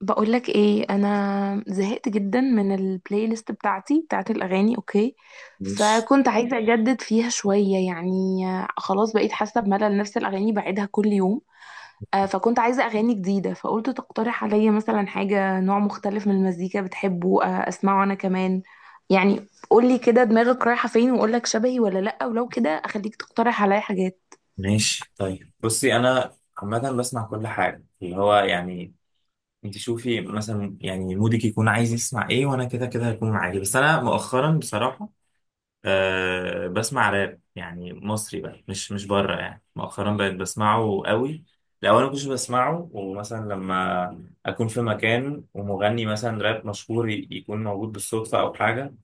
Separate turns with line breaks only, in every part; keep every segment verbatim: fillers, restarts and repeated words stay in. بقولك ايه؟ انا زهقت جدا من البلاي ليست بتاعتي، بتاعت الاغاني. اوكي،
ماشي،
فكنت عايزه اجدد فيها شويه، يعني آه، خلاص بقيت حاسه بملل نفس الاغاني، بعيدها كل يوم. آه، فكنت عايزه اغاني جديده، فقلت تقترح عليا مثلا حاجه، نوع مختلف من المزيكا بتحبه، آه، اسمعه انا كمان. يعني قولي كده دماغك رايحه فين، واقولك شبهي ولا لا، ولو كده اخليك تقترح عليا حاجات.
ماشي. طيب، بصي انا عامه بسمع كل حاجه، اللي هو يعني انت شوفي مثلا يعني مودك يكون عايز يسمع ايه، وانا كده كده هيكون معاكي. بس انا مؤخرا بصراحه أه بسمع راب، يعني مصري بقى، مش مش بره. يعني مؤخرا بقيت بسمعه قوي. الاول ما كنتش بسمعه، ومثلا لما اكون في مكان ومغني مثلا راب مشهور ي- يكون موجود بالصدفه او حاجه،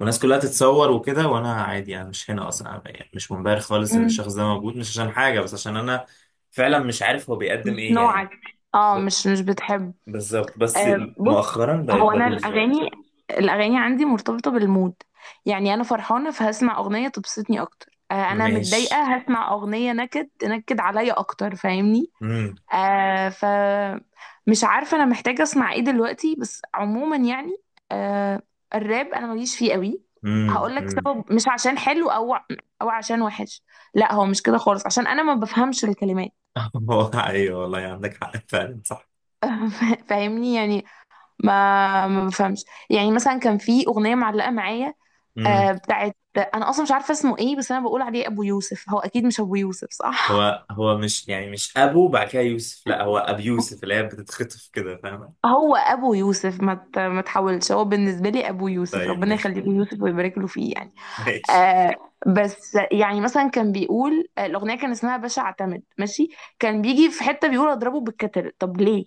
والناس كلها تتصور وكده، وانا عادي، انا مش هنا اصلا. أنا يعني مش منبهر خالص ان
مم.
الشخص ده موجود، مش عشان حاجه، بس عشان انا فعلا مش عارف هو بيقدم
مش
ايه يعني.
نوعك. اه
ب-
مش مش بتحب.
بالظبط. بس
آه، بص،
مؤخرا بقيت
هو انا
بدوس بقى.
الاغاني الاغاني عندي مرتبطه بالمود. يعني انا فرحانه فهسمع اغنيه تبسطني اكتر، آه، انا
ماشي.
متضايقه هسمع اغنيه نكد تنكد عليا اكتر، فاهمني؟
امم
آه ف مش عارفه انا محتاجه اسمع ايه دلوقتي، بس عموما يعني، آه، الراب انا ماليش فيه قوي.
امم
هقول لك
امم.
سبب، مش عشان حلو او او عشان وحش، لا هو مش كده خالص، عشان انا ما بفهمش الكلمات.
هو ايوه والله، عندك حق فعلا، صح.
فاهمني يعني؟ ما ما بفهمش. يعني مثلا كان في اغنيه معلقه معايا،
امم
آه، بتاعت انا اصلا مش عارفه اسمه ايه، بس انا بقول عليه ابو يوسف، هو اكيد مش ابو يوسف، صح؟
هو هو مش يعني مش ابو بعد كده يوسف، لا، هو ابي يوسف، اللي هي بتتخطف كده، فاهمه؟
هو ابو يوسف، ما ت- ما تحاولش، هو بالنسبه لي ابو يوسف،
طيب،
ربنا
ماشي،
يخليه له يوسف ويبارك له فيه، يعني
ماشي.
آه. بس يعني مثلا كان بيقول، آه، الاغنيه كان اسمها باشا اعتمد، ماشي، كان بيجي في حته بيقول اضربه بالكتل، طب ليه؟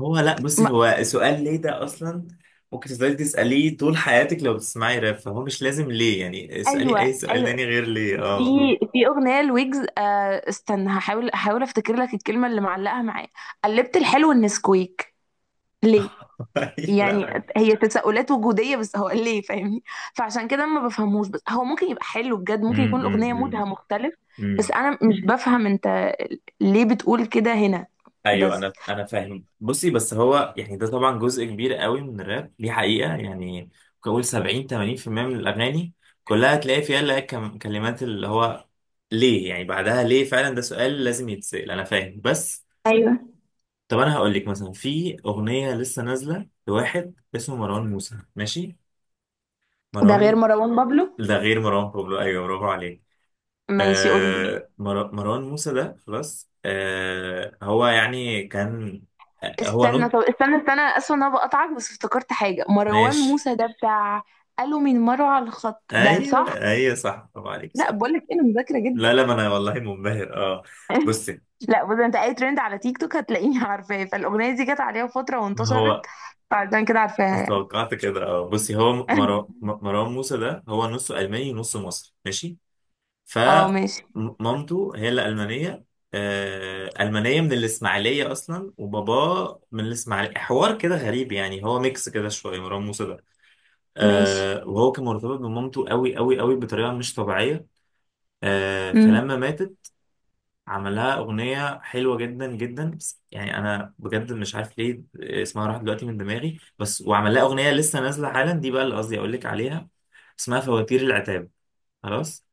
هو لا، بصي،
ما
هو سؤال ليه ده اصلا؟ ممكن تفضلي تساليه طول حياتك، لو بتسمعي راب فهو مش لازم ليه، يعني اسالي اي
ايوه
سؤال
ايوه.
تاني غير ليه. اه.
في في اغنيه لويجز، آه استنى، هحاول هحاول افتكر لك الكلمه اللي معلقه معايا، قلبت الحلو النسكويك، ليه؟
آه. لا
يعني
هو.
هي تساؤلات وجوديه، بس هو ليه، فاهمني؟ فعشان كده ما بفهموش، بس هو ممكن يبقى حلو بجد، ممكن
امم
يكون الاغنيه
امم
مودها مختلف، بس
امم.
انا مش بفهم. انت ليه بتقول كده هنا؟
ايوه،
بس
انا انا فاهم. بصي، بس هو يعني ده طبعا جزء كبير قوي من الراب دي، حقيقه يعني. ممكن اقول سبعين، ثمانين في المئة من الاغاني كلها تلاقي فيها اللي هي كم- كلمات، اللي هو ليه، يعني بعدها ليه. فعلا ده سؤال لازم يتسال، انا فاهم. بس
ايوه.
طب انا هقول لك مثلا، في اغنيه لسه نازله لواحد اسمه مروان موسى، ماشي.
ده
مروان
غير
مو...
مروان بابلو.
ده غير مروان بابلو، ايوه، برافو عليك.
ماشي قول لي.
آه مر... مروان موسى ده، خلاص. آه هو يعني كان، آه، هو
استنى،
نوت،
طب استنى استنى، اسف ان انا بقطعك، بس افتكرت حاجه، مروان
ماشي.
موسى ده بتاع قالوا من مروه على الخط، ده
ايوه،
صح؟
ايوه، صح، برافو عليك،
لا
صح.
بقول لك انا مذاكره جدا.
لا، لا، ما انا والله منبهر. اه، بصي،
لا بص، انت اي ترند على تيك توك هتلاقيني عارفاه، فالاغنيه دي جت عليها فتره
هو
وانتشرت، فعشان كده عارفاها يعني.
توقعت كده. اه بصي، هو مر... مروان موسى ده، هو نصه الماني ونصه مصري، ماشي.
اه ماشي.
فمامته هي اللي ألمانية، آه، ألمانية من الإسماعيلية أصلا، وباباه من الإسماعيلية. حوار كده غريب، يعني هو ميكس كده شوية مروان موسى ده.
ماشي.
آه، وهو كان مرتبط بمامته قوي قوي قوي، بطريقة مش طبيعية. آه،
امم
فلما ماتت عملها أغنية حلوة جدا جدا، بس يعني أنا بجد مش عارف ليه اسمها راح دلوقتي من دماغي. بس وعمل لها أغنية لسه نازلة حالا، دي بقى اللي قصدي أقول لك عليها. اسمها فواتير العتاب، خلاص.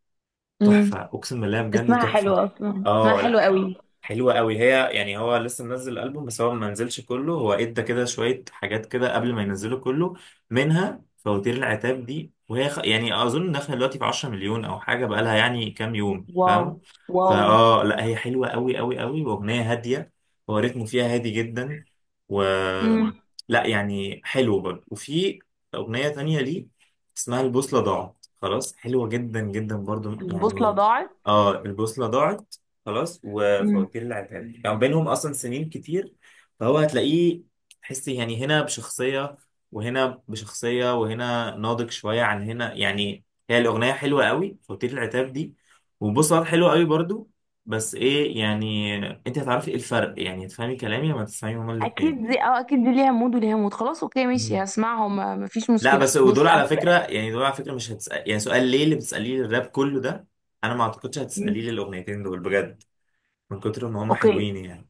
امم
تحفة، أقسم بالله بجد
اسمها حلو
تحفة.
اصلا، اسمها
اه
حلو
لا، ح-
قوي.
حلوة قوي هي، يعني هو لسه منزل الألبوم، بس هو ما نزلش كله، هو ادى كده شوية حاجات كده قبل ما ينزله كله، منها فواتير العتاب دي. وهي خ... يعني أظن داخلة دلوقتي في 10 مليون أو حاجة، بقالها يعني كام يوم،
واو
فاهم؟
واو.
فاه لا، هي حلوة قوي قوي قوي، وأغنية هادية، هو رتمه فيها هادي جدا. و
امم.
لا، يعني حلو برضه. وفي أغنية تانية ليه اسمها البوصلة ضاعت، خلاص، حلوة جدا جدا برضو
البوصله
يعني.
ضاعت.
اه، البوصلة ضاعت، خلاص.
امم.
وفواتير العتاب يعني بينهم أصلا سنين كتير، فهو هتلاقيه، تحسي يعني هنا بشخصية، وهنا بشخصية، وهنا ناضج شوية عن هنا يعني. هي الأغنية حلوة قوي، فواتير العتاب دي، وبوصلة حلوة قوي برضو. بس إيه يعني، أنت هتعرفي إيه الفرق، يعني هتفهمي كلامي لما تسمعي هما الاتنين.
اكيد دي، اه اكيد دي ليها مود وليها مود، خلاص اوكي ماشي هسمعهم، ما- مفيش
لا
مشكله.
بس، ودول
بص
على
انا
فكرة،
ب...
يعني دول على فكرة مش هتسأل يعني سؤال ليه اللي بتسأليه للراب كله ده. أنا ما أعتقدش هتسأليه
مم.
للأغنيتين دول، بجد، من كتر ما هم
اوكي
حلوين يعني.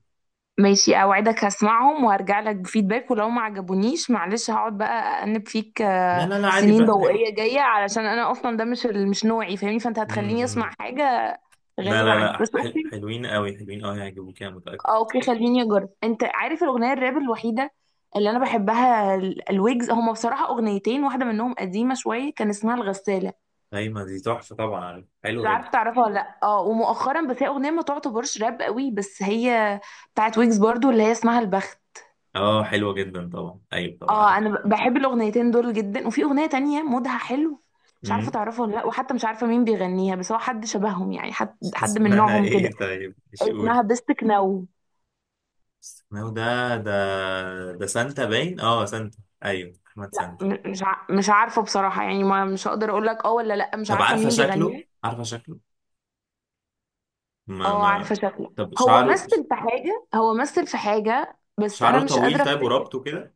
ماشي، اوعدك هسمعهم وهرجع لك بفيدباك، ولو ما عجبونيش معلش، هقعد بقى أأنب فيك
لا،
آه،
لا، لا، عادي،
سنين
براحتك.
ضوئية جاية، علشان انا اصلا ده مش ال- مش نوعي، فاهمني؟ فانت هتخليني اسمع
امم
حاجة
لا،
غريبة
لا،
عني،
لا،
بس
حل...
اوكي.
حلوين قوي، حلوين قوي، هيعجبوك أنا متأكد.
آه، اوكي خليني اجرب. انت عارف الاغنية الراب الوحيدة اللي انا بحبها، ال- الويجز، هما بصراحة اغنيتين، واحدة منهم قديمة شوية كان اسمها الغسالة،
أيمن دي تحفة طبعا، عارف،
مش
حلوة جدا.
عارفة تعرفها ولا لا، اه. ومؤخرا، بس هي اغنية ما تعتبرش راب قوي، بس هي بتاعت ويجز برضو، اللي هي اسمها البخت.
أه، حلوة جدا طبعا، أيوة طبعا
اه
عارف.
انا ب- بحب الاغنيتين دول جدا. وفي اغنيه تانية مودها حلو، مش عارفه
امم
تعرفها ولا لا، وحتى مش عارفه مين بيغنيها، بس هو حد شبههم، يعني حد حد من
اسمها
نوعهم
إيه
كده،
طيب؟ مش قول.
اسمها بستك نو.
اسمه ده، ده ده سانتا باين، أه، سانتا. أيوه أحمد سانتا.
م- مش ع- مش عارفه بصراحه، يعني ما مش هقدر اقول لك اه ولا لا، مش
طب
عارفه
عارفة
مين
شكله؟
بيغنيها.
عارفة شكله؟ ما
اه
ما
عارفه شكله،
طب
هو
شعره
مثل في حاجه، هو مثل في حاجه بس انا
شعره
مش
طويل
قادره
طيب،
افتكر.
وربطه كده.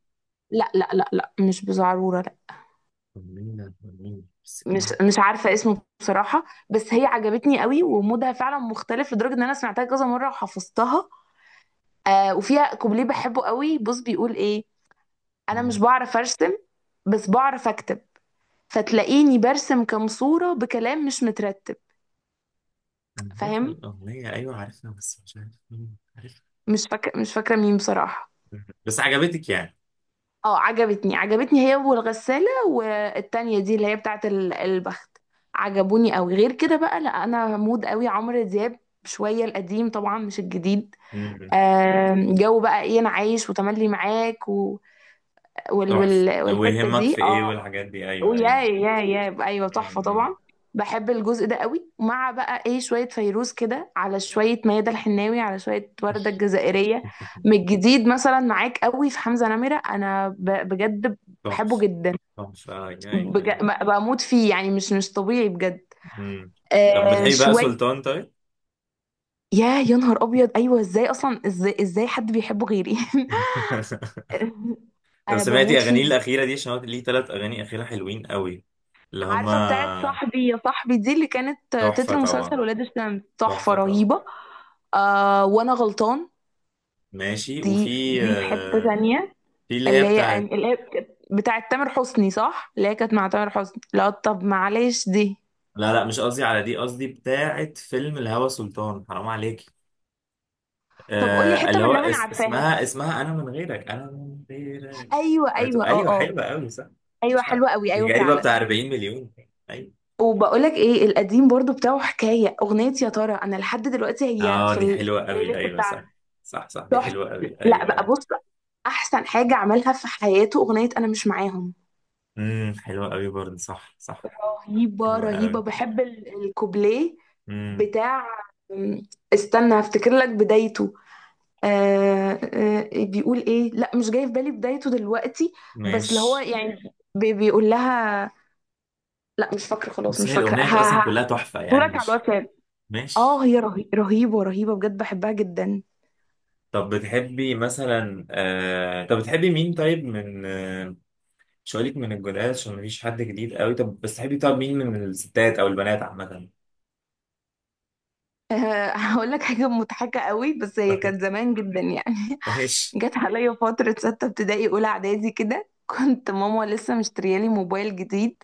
لا لا لا لا، مش بزعروره لا.
أغنية أغنية بس
مش
كان-
مش عارفه اسمه بصراحه، بس هي عجبتني قوي، ومودها فعلا مختلف لدرجه ان انا سمعتها كذا مره وحفظتها. آه، وفيها كوبليه بحبه قوي، بص بيقول ايه: انا مش بعرف ارسم، بس بعرف اكتب، فتلاقيني برسم كام صورة بكلام مش مترتب.
أنا عارفها
فاهم؟
الأغنية، أيوة عارفها، بس مش عارف مين عارفها.
مش فاكرة مش فاكرة مين بصراحة.
بس عجبتك يعني؟
اه عجبتني، عجبتني هي والغسالة والتانية دي اللي هي بتاعت ال- البخت، عجبوني قوي. غير كده بقى، لا انا مود قوي عمرو دياب شوية، القديم طبعا مش الجديد.
مم.
آم، جو بقى ايه، انا عايش، وتملي معاك، وال
تحفة،
وال والحتة
ويهمك في
دي
ايه،
اه.
والحاجات دي، ايوه،
ويا
ايوه.
يا يا ايوه تحفة
مم.
طبعا. بحب الجزء ده قوي، مع بقى ايه شوية فيروز كده على شوية ميادة الحناوي على شوية وردة الجزائرية. من الجديد، مثلا معاك قوي، في حمزة نمرة انا ب- بجد بحبه
تحفة،
جدا.
تحفة، ايوه، ايوه، أيوة.
بج- ب- بموت فيه، يعني مش مش طبيعي بجد.
مم. طب
آه
بتحبي بقى
شوية.
سلطان طيب؟
يا يا نهار ابيض، ايوه ازاي اصلا، ازاي ازاي حد بيحبه غيري؟
طب
انا
سمعتي
بموت
اغانيه
فيه.
الاخيرة دي، عشان هو ليه ثلاث اغاني اخيرة حلوين قوي، اللي
عارفة بتاعت
هما،
صاحبي يا صاحبي دي، اللي كانت
تحفة
تتر مسلسل
طبعا،
ولاد الشمس، تحفة
تحفة طبعا،
رهيبة. آه وانا غلطان.
ماشي.
دي
وفي
دي في حتة
آه،
تانية.
في اللي هي
اللي هي أن...
بتاعت،
اللي هي بتاعت تامر حسني صح، اللي هي كانت مع تامر حسني، لا طب معلش دي.
لا، لا، مش قصدي على دي، قصدي بتاعت فيلم الهوى، سلطان حرام عليك.
طب قولي
آه
حتة
اللي هو،
منها انا
اس
عارفاها.
اسمها اسمها انا من غيرك، انا من غيرك.
ايوه
بتو-
ايوه اه
ايوه،
اه،
حلوه قوي، صح.
ايوه
مش عارف،
حلوة قوي،
دي
ايوه
جايبه
فعلا.
بتاع 40 مليون، ايوه.
وبقولك ايه، القديم برضو بتاعه، حكاية اغنية، يا ترى انا لحد دلوقتي هي
اه،
في
دي حلوه
البلاي
قوي،
ليست.
ايوه، صح، صح، صح، دي
تحفة.
حلوه قوي،
لا
ايوه،
بقى
ايوه.
بص، احسن حاجه عملها في حياته اغنيه انا مش معاهم،
امم، حلوه قوي برضه، صح، صح،
رهيبه
حلوه
رهيبه.
قوي.
بحب ال- الكوبليه
امم
بتاع، أم، استنى هفتكر لك بدايته، آه آه بيقول ايه؟ لا مش جاي في بالي بدايته دلوقتي، بس اللي هو
ماشي.
يعني بي- بيقول لها، لا مش فاكره، خلاص
بس
مش
هي
فاكره،
الاغنيه
ها
اصلا
ها.
كلها تحفه يعني،
صورك على
مش
الواتساب. اه
ماشي.
هي رهي... رهيبه رهيبه بجد، بحبها جدا.
طب بتحبي مثلا آه... طب بتحبي مين طيب، من آه... مش هقولك من الجولات، عشان مفيش حد جديد قوي. طب بس، تحبي طب مين، من الستات او البنات عامة؟
آه هقول لك حاجه مضحكه قوي، بس هي
طيب،
كانت زمان جدا يعني،
ماشي،
جت عليا فترة ستة ابتدائي أولى إعدادي كده، كنت ماما لسه مشتريالي موبايل جديد،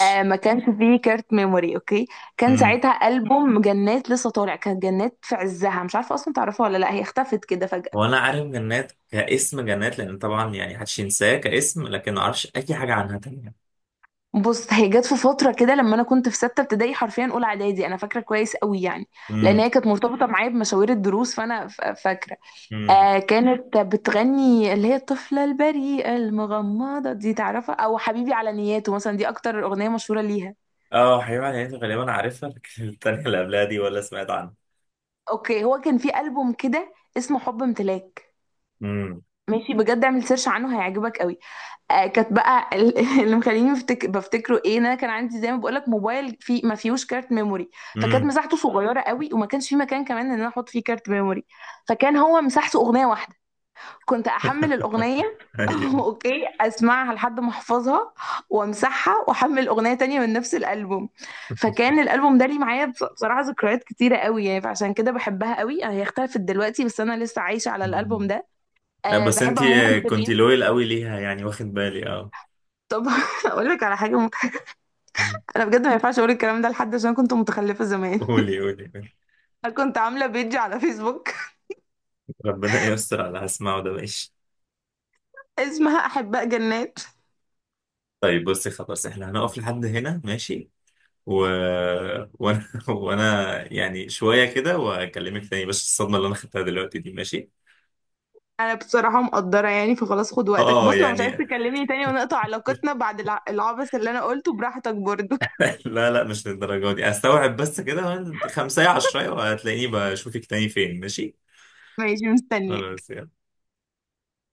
آه ما كانش فيه كارت ميموري، أوكي. كان
امم
ساعتها ألبوم جنات لسه طالع، كانت جنات في عزها، مش عارفة أصلا تعرفها ولا لأ، هي اختفت كده فجأة.
هو انا عارف جنات كاسم، جنات لان طبعا يعني محدش ينساه كاسم، لكن ما اعرفش اي حاجة عنها تانية.
بص هي جت في فترة كده لما أنا كنت في ستة ابتدائي، حرفيا أولى إعدادي، أنا فاكرة كويس قوي يعني، لأن
امم
هي كانت مرتبطة معايا بمشاوير الدروس، فأنا ف- فاكرة.
امم
آه كانت بتغني اللي هي الطفلة البريئة المغمضة دي، تعرفها؟ أو حبيبي على نياته مثلا، دي أكتر أغنية مشهورة ليها.
اه، حبيبي على نهايتي غالبا عارفها، لكن التانية اللي قبلها دي ولا سمعت عنها.
اوكي هو كان في ألبوم كده اسمه حب امتلاك،
امم
ماشي بجد اعمل سيرش عنه هيعجبك قوي. آه كانت بقى ال- اللي مخليني بفتك... بفتكره ايه، ان انا كان عندي زي ما بقول لك موبايل في ما فيهوش كارت ميموري، فكانت
امم
مساحته صغيره قوي، وما كانش في مكان كمان ان انا احط فيه كارت ميموري، فكان هو مساحته اغنيه واحده، كنت احمل الاغنيه اوكي، اسمعها لحد ما احفظها، وامسحها واحمل اغنيه تانية من نفس الالبوم. فكان الالبوم ده لي معايا، بص- بصراحه ذكريات كتيره قوي يعني، فعشان كده بحبها قوي، هي اختلفت دلوقتي بس انا لسه عايشه على
ايوه.
الالبوم ده.
لا
أه
بس انت
بحب عموما
كنت
شيرين.
لويل قوي ليها، يعني واخد بالي، اه.
طب اقول لك على حاجه مضحكه،
مم.
انا بجد ما ينفعش اقول الكلام ده لحد، عشان كنت متخلفه زمان.
قولي، قولي، قولي.
كنت عامله بيج على فيسبوك،
ربنا يستر على اللي هسمعه ده، ماشي.
اسمها احباء جنات.
طيب بصي، خلاص، احنا هنقف لحد هنا، ماشي. و... وانا وانا يعني شوية كده واكلمك تاني، بس الصدمة اللي انا خدتها دلوقتي دي، ماشي.
انا بصراحة مقدرة يعني، فخلاص خد وقتك،
اه
بص لو مش عايز
يعني
تكلمني تاني ونقطع علاقتنا بعد الع- العبث اللي انا قلته، براحتك برضو.
لا، لا، مش للدرجة دي، استوعب بس كده خمسة عشرة وهتلاقيني بشوفك تاني فين، ماشي.
ماشي مستنية.
خلاص.